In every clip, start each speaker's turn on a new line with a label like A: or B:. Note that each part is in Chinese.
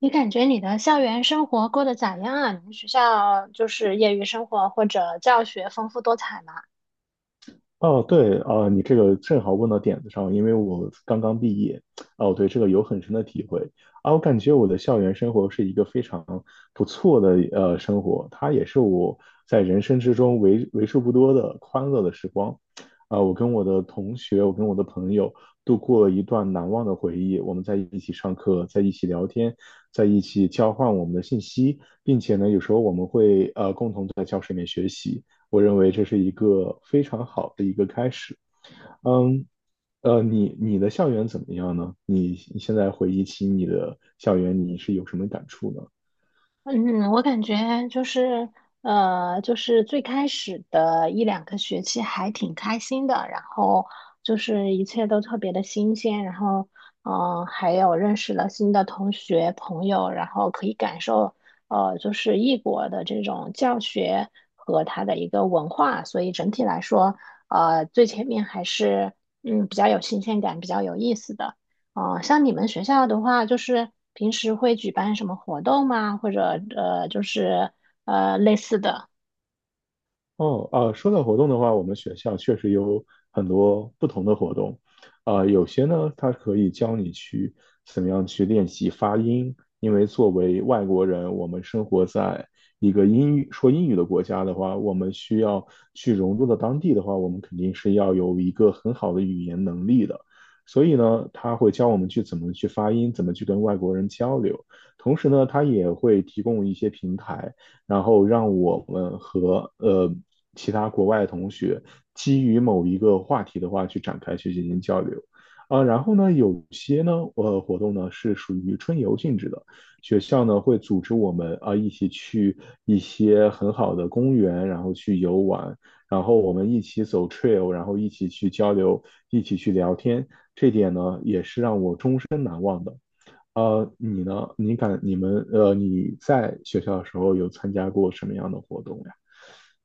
A: 你感觉你的校园生活过得咋样啊？你们学校就是业余生活或者教学丰富多彩吗？
B: 哦，对啊，你这个正好问到点子上，因为我刚刚毕业，哦，我对这个有很深的体会啊，我感觉我的校园生活是一个非常不错的生活，它也是我在人生之中为数不多的欢乐的时光，啊，我跟我的同学，我跟我的朋友度过了一段难忘的回忆，我们在一起上课，在一起聊天，在一起交换我们的信息，并且呢，有时候我们会共同在教室里面学习。我认为这是一个非常好的一个开始。嗯，你的校园怎么样呢？你现在回忆起你的校园，你是有什么感触呢？
A: 嗯，我感觉就是，就是最开始的一两个学期还挺开心的，然后就是一切都特别的新鲜，然后，嗯、还有认识了新的同学朋友，然后可以感受，就是异国的这种教学和它的一个文化，所以整体来说，最前面还是，嗯，比较有新鲜感，比较有意思的。哦，像你们学校的话，就是平时会举办什么活动吗？或者就是类似的。
B: 哦，啊，说到活动的话，我们学校确实有很多不同的活动，啊、有些呢，它可以教你去怎么样去练习发音，因为作为外国人，我们生活在一个英语说英语的国家的话，我们需要去融入到当地的话，我们肯定是要有一个很好的语言能力的，所以呢，他会教我们去怎么去发音，怎么去跟外国人交流，同时呢，他也会提供一些平台。然后让我们和其他国外的同学基于某一个话题的话去展开去进行交流。啊，然后呢，有些呢，活动呢是属于春游性质的，学校呢会组织我们啊一起去一些很好的公园，然后去游玩，然后我们一起走 trail，然后一起去交流，一起去聊天，这点呢也是让我终身难忘的。呃，你呢？你感你们呃，你在学校的时候有参加过什么样的活动呀？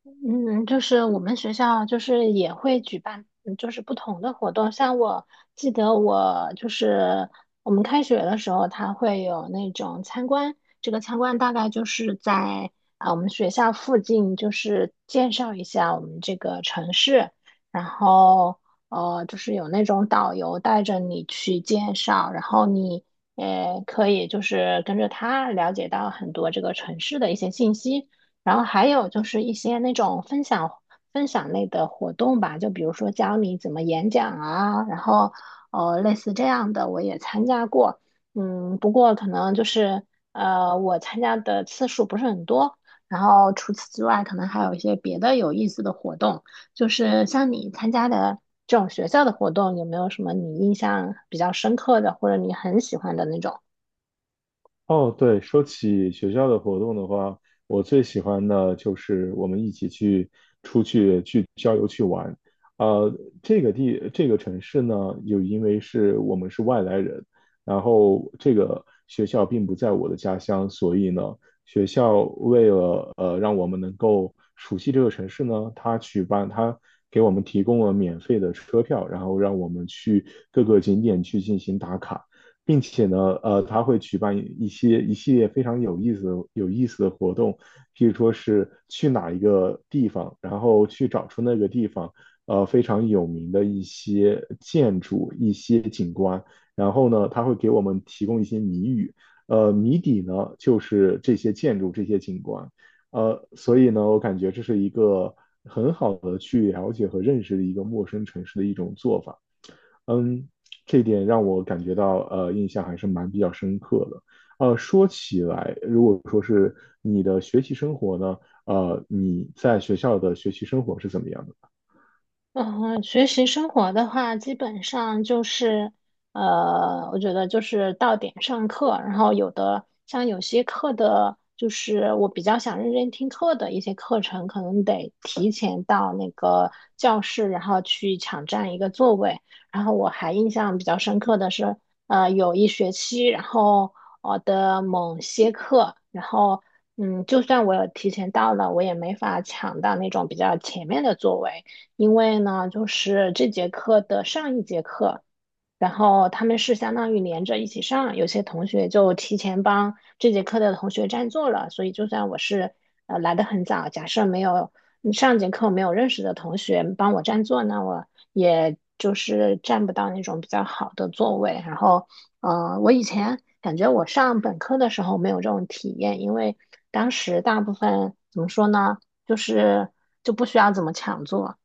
A: 嗯，就是我们学校就是也会举办，嗯就是不同的活动。像我记得我就是我们开学的时候，它会有那种参观。这个参观大概就是在啊我们学校附近，就是介绍一下我们这个城市，然后就是有那种导游带着你去介绍，然后你可以就是跟着他了解到很多这个城市的一些信息。然后还有就是一些那种分享类的活动吧，就比如说教你怎么演讲啊，然后类似这样的我也参加过，嗯，不过可能就是我参加的次数不是很多，然后除此之外可能还有一些别的有意思的活动，就是像你参加的这种学校的活动，有没有什么你印象比较深刻的，或者你很喜欢的那种？
B: 哦，对，说起学校的活动的话，我最喜欢的就是我们一起去出去去郊游去玩。呃，这个地这个城市呢，又因为是我们是外来人，然后这个学校并不在我的家乡，所以呢，学校为了让我们能够熟悉这个城市呢，它举办它给我们提供了免费的车票，然后让我们去各个景点去进行打卡。并且呢，呃，他会举办一系列非常有意思的、有意思的活动，譬如说是去哪一个地方，然后去找出那个地方，呃，非常有名的一些建筑、一些景观，然后呢，他会给我们提供一些谜语，呃，谜底呢就是这些建筑、这些景观，呃，所以呢，我感觉这是一个很好的去了解和认识的一个陌生城市的一种做法。嗯，这一点让我感觉到印象还是蛮比较深刻的。呃，说起来，如果说是你的学习生活呢，呃，你在学校的学习生活是怎么样的？
A: 嗯，学习生活的话，基本上就是，我觉得就是到点上课，然后有的像有些课的，就是我比较想认真听课的一些课程，可能得提前到那个教室，然后去抢占一个座位。然后我还印象比较深刻的是，有一学期，然后我的某些课，然后嗯，就算我有提前到了，我也没法抢到那种比较前面的座位。因为呢，就是这节课的上一节课，然后他们是相当于连着一起上，有些同学就提前帮这节课的同学占座了，所以就算我是来的很早，假设没有嗯上节课没有认识的同学帮我占座，那我也就是占不到那种比较好的座位。然后，我以前感觉我上本科的时候没有这种体验，因为当时大部分怎么说呢，就是不需要怎么抢座。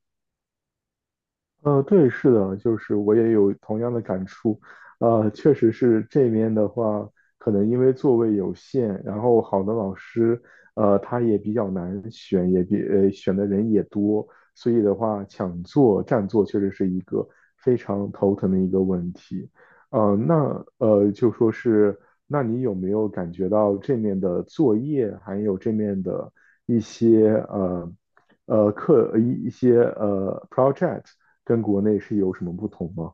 B: 呃，对，是的，就是我也有同样的感触，呃，确实是这边的话，可能因为座位有限，然后好的老师，呃，他也比较难选，选的人也多，所以的话，抢座占座确实是一个非常头疼的一个问题，呃，就说是，那你有没有感觉到这面的作业，还有这面的一些project？跟国内是有什么不同吗？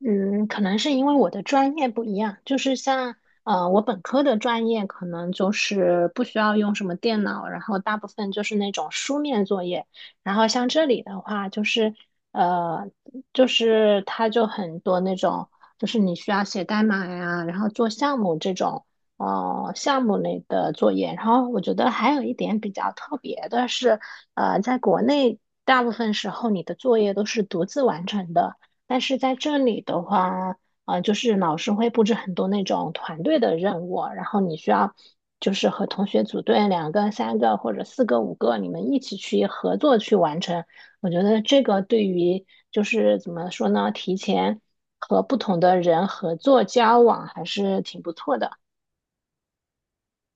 A: 嗯，可能是因为我的专业不一样，就是像我本科的专业可能就是不需要用什么电脑，然后大部分就是那种书面作业，然后像这里的话，就是呃，它就很多那种，就是你需要写代码呀，然后做项目这种哦项目类的作业，然后我觉得还有一点比较特别的是，在国内大部分时候你的作业都是独自完成的。但是在这里的话，就是老师会布置很多那种团队的任务，然后你需要就是和同学组队，两个、三个或者四个、五个，你们一起去合作去完成。我觉得这个对于就是怎么说呢，提前和不同的人合作交往还是挺不错的。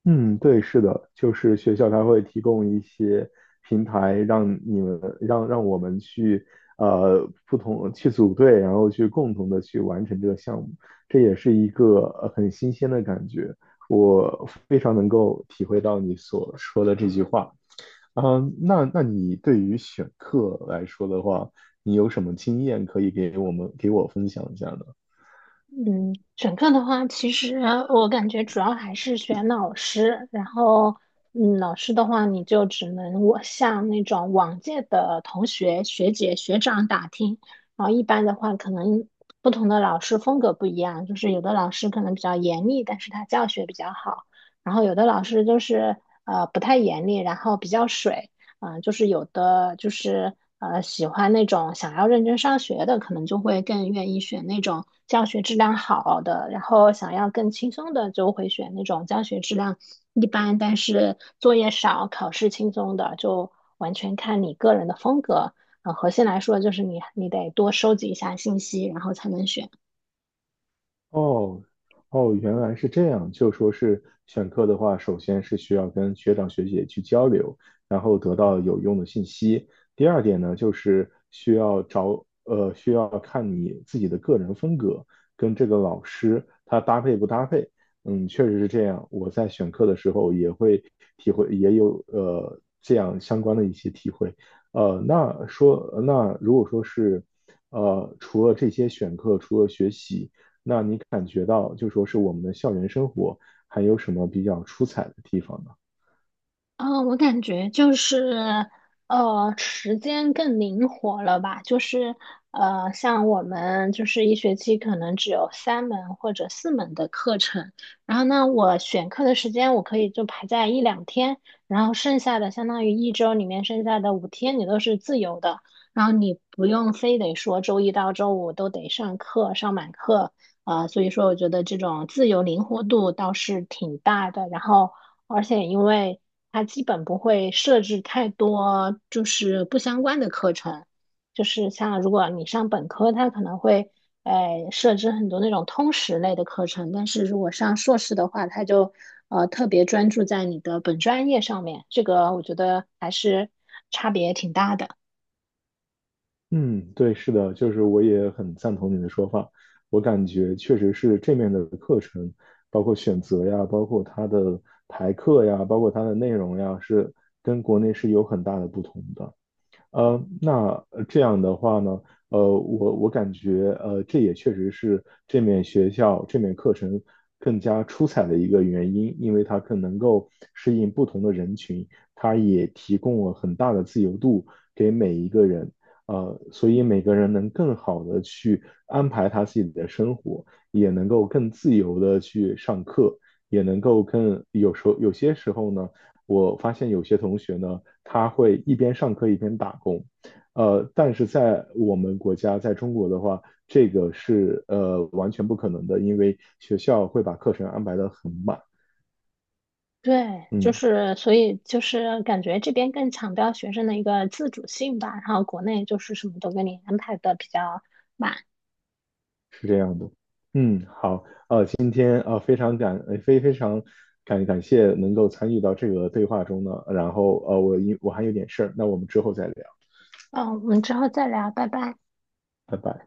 B: 嗯，对，是的，就是学校它会提供一些平台，让我们去不同去组队，然后去共同的去完成这个项目，这也是一个很新鲜的感觉。我非常能够体会到你所说的这句话。嗯，那你对于选课来说的话，你有什么经验可以给我分享一下呢？
A: 嗯，选课的话，其实我感觉主要还是选老师，然后，嗯，老师的话，你就只能我向那种往届的同学、学姐、学长打听，然后一般的话，可能不同的老师风格不一样，就是有的老师可能比较严厉，但是他教学比较好，然后有的老师就是不太严厉，然后比较水。嗯、就是有的就是喜欢那种想要认真上学的，可能就会更愿意选那种教学质量好的，然后想要更轻松的就会选那种教学质量一般，但是作业少、考试轻松的，就完全看你个人的风格。啊核心来说就是你得多收集一下信息，然后才能选。
B: 哦，哦，原来是这样。就说是选课的话，首先是需要跟学长学姐去交流，然后得到有用的信息。第二点呢，就是需要找，呃，需要看你自己的个人风格跟这个老师他搭配不搭配。嗯，确实是这样。我在选课的时候也会体会，也有这样相关的一些体会。那如果说是，呃，除了这些选课，除了学习。那你感觉到就说是我们的校园生活还有什么比较出彩的地方呢？
A: 嗯，我感觉就是，时间更灵活了吧？就是，像我们就是一学期可能只有三门或者四门的课程，然后呢，我选课的时间我可以就排在一两天，然后剩下的相当于一周里面剩下的五天你都是自由的，然后你不用非得说周一到周五都得上课，上满课，啊、所以说我觉得这种自由灵活度倒是挺大的。然后，而且因为它基本不会设置太多就是不相关的课程，就是像如果你上本科，它可能会设置很多那种通识类的课程，但是如果上硕士的话，它就特别专注在你的本专业上面，这个我觉得还是差别挺大的。
B: 嗯，对，是的，就是我也很赞同你的说法。我感觉确实是这面的课程，包括选择呀，包括它的排课呀，包括它的内容呀，是跟国内是有很大的不同的。呃，这样的话呢，呃，我感觉，呃，这也确实是这面学校这面课程更加出彩的一个原因，因为它更能够适应不同的人群，它也提供了很大的自由度给每一个人，呃，所以每个人能更好的去安排他自己的生活，也能够更自由的去上课，也能够更有时候有些时候呢。我发现有些同学呢，他会一边上课一边打工。呃，但是在我们国家，在中国的话，这个是完全不可能的，因为学校会把课程安排的很满。
A: 对，就
B: 嗯，
A: 是，所以就是感觉这边更强调学生的一个自主性吧，然后国内就是什么都给你安排的比较满。
B: 是这样的。嗯，好，今天呃非常感呃非非常感感谢能够参与到这个对话中呢。然后我还有点事儿，那我们之后再聊，
A: 嗯，我们之后再聊，拜拜。
B: 拜拜。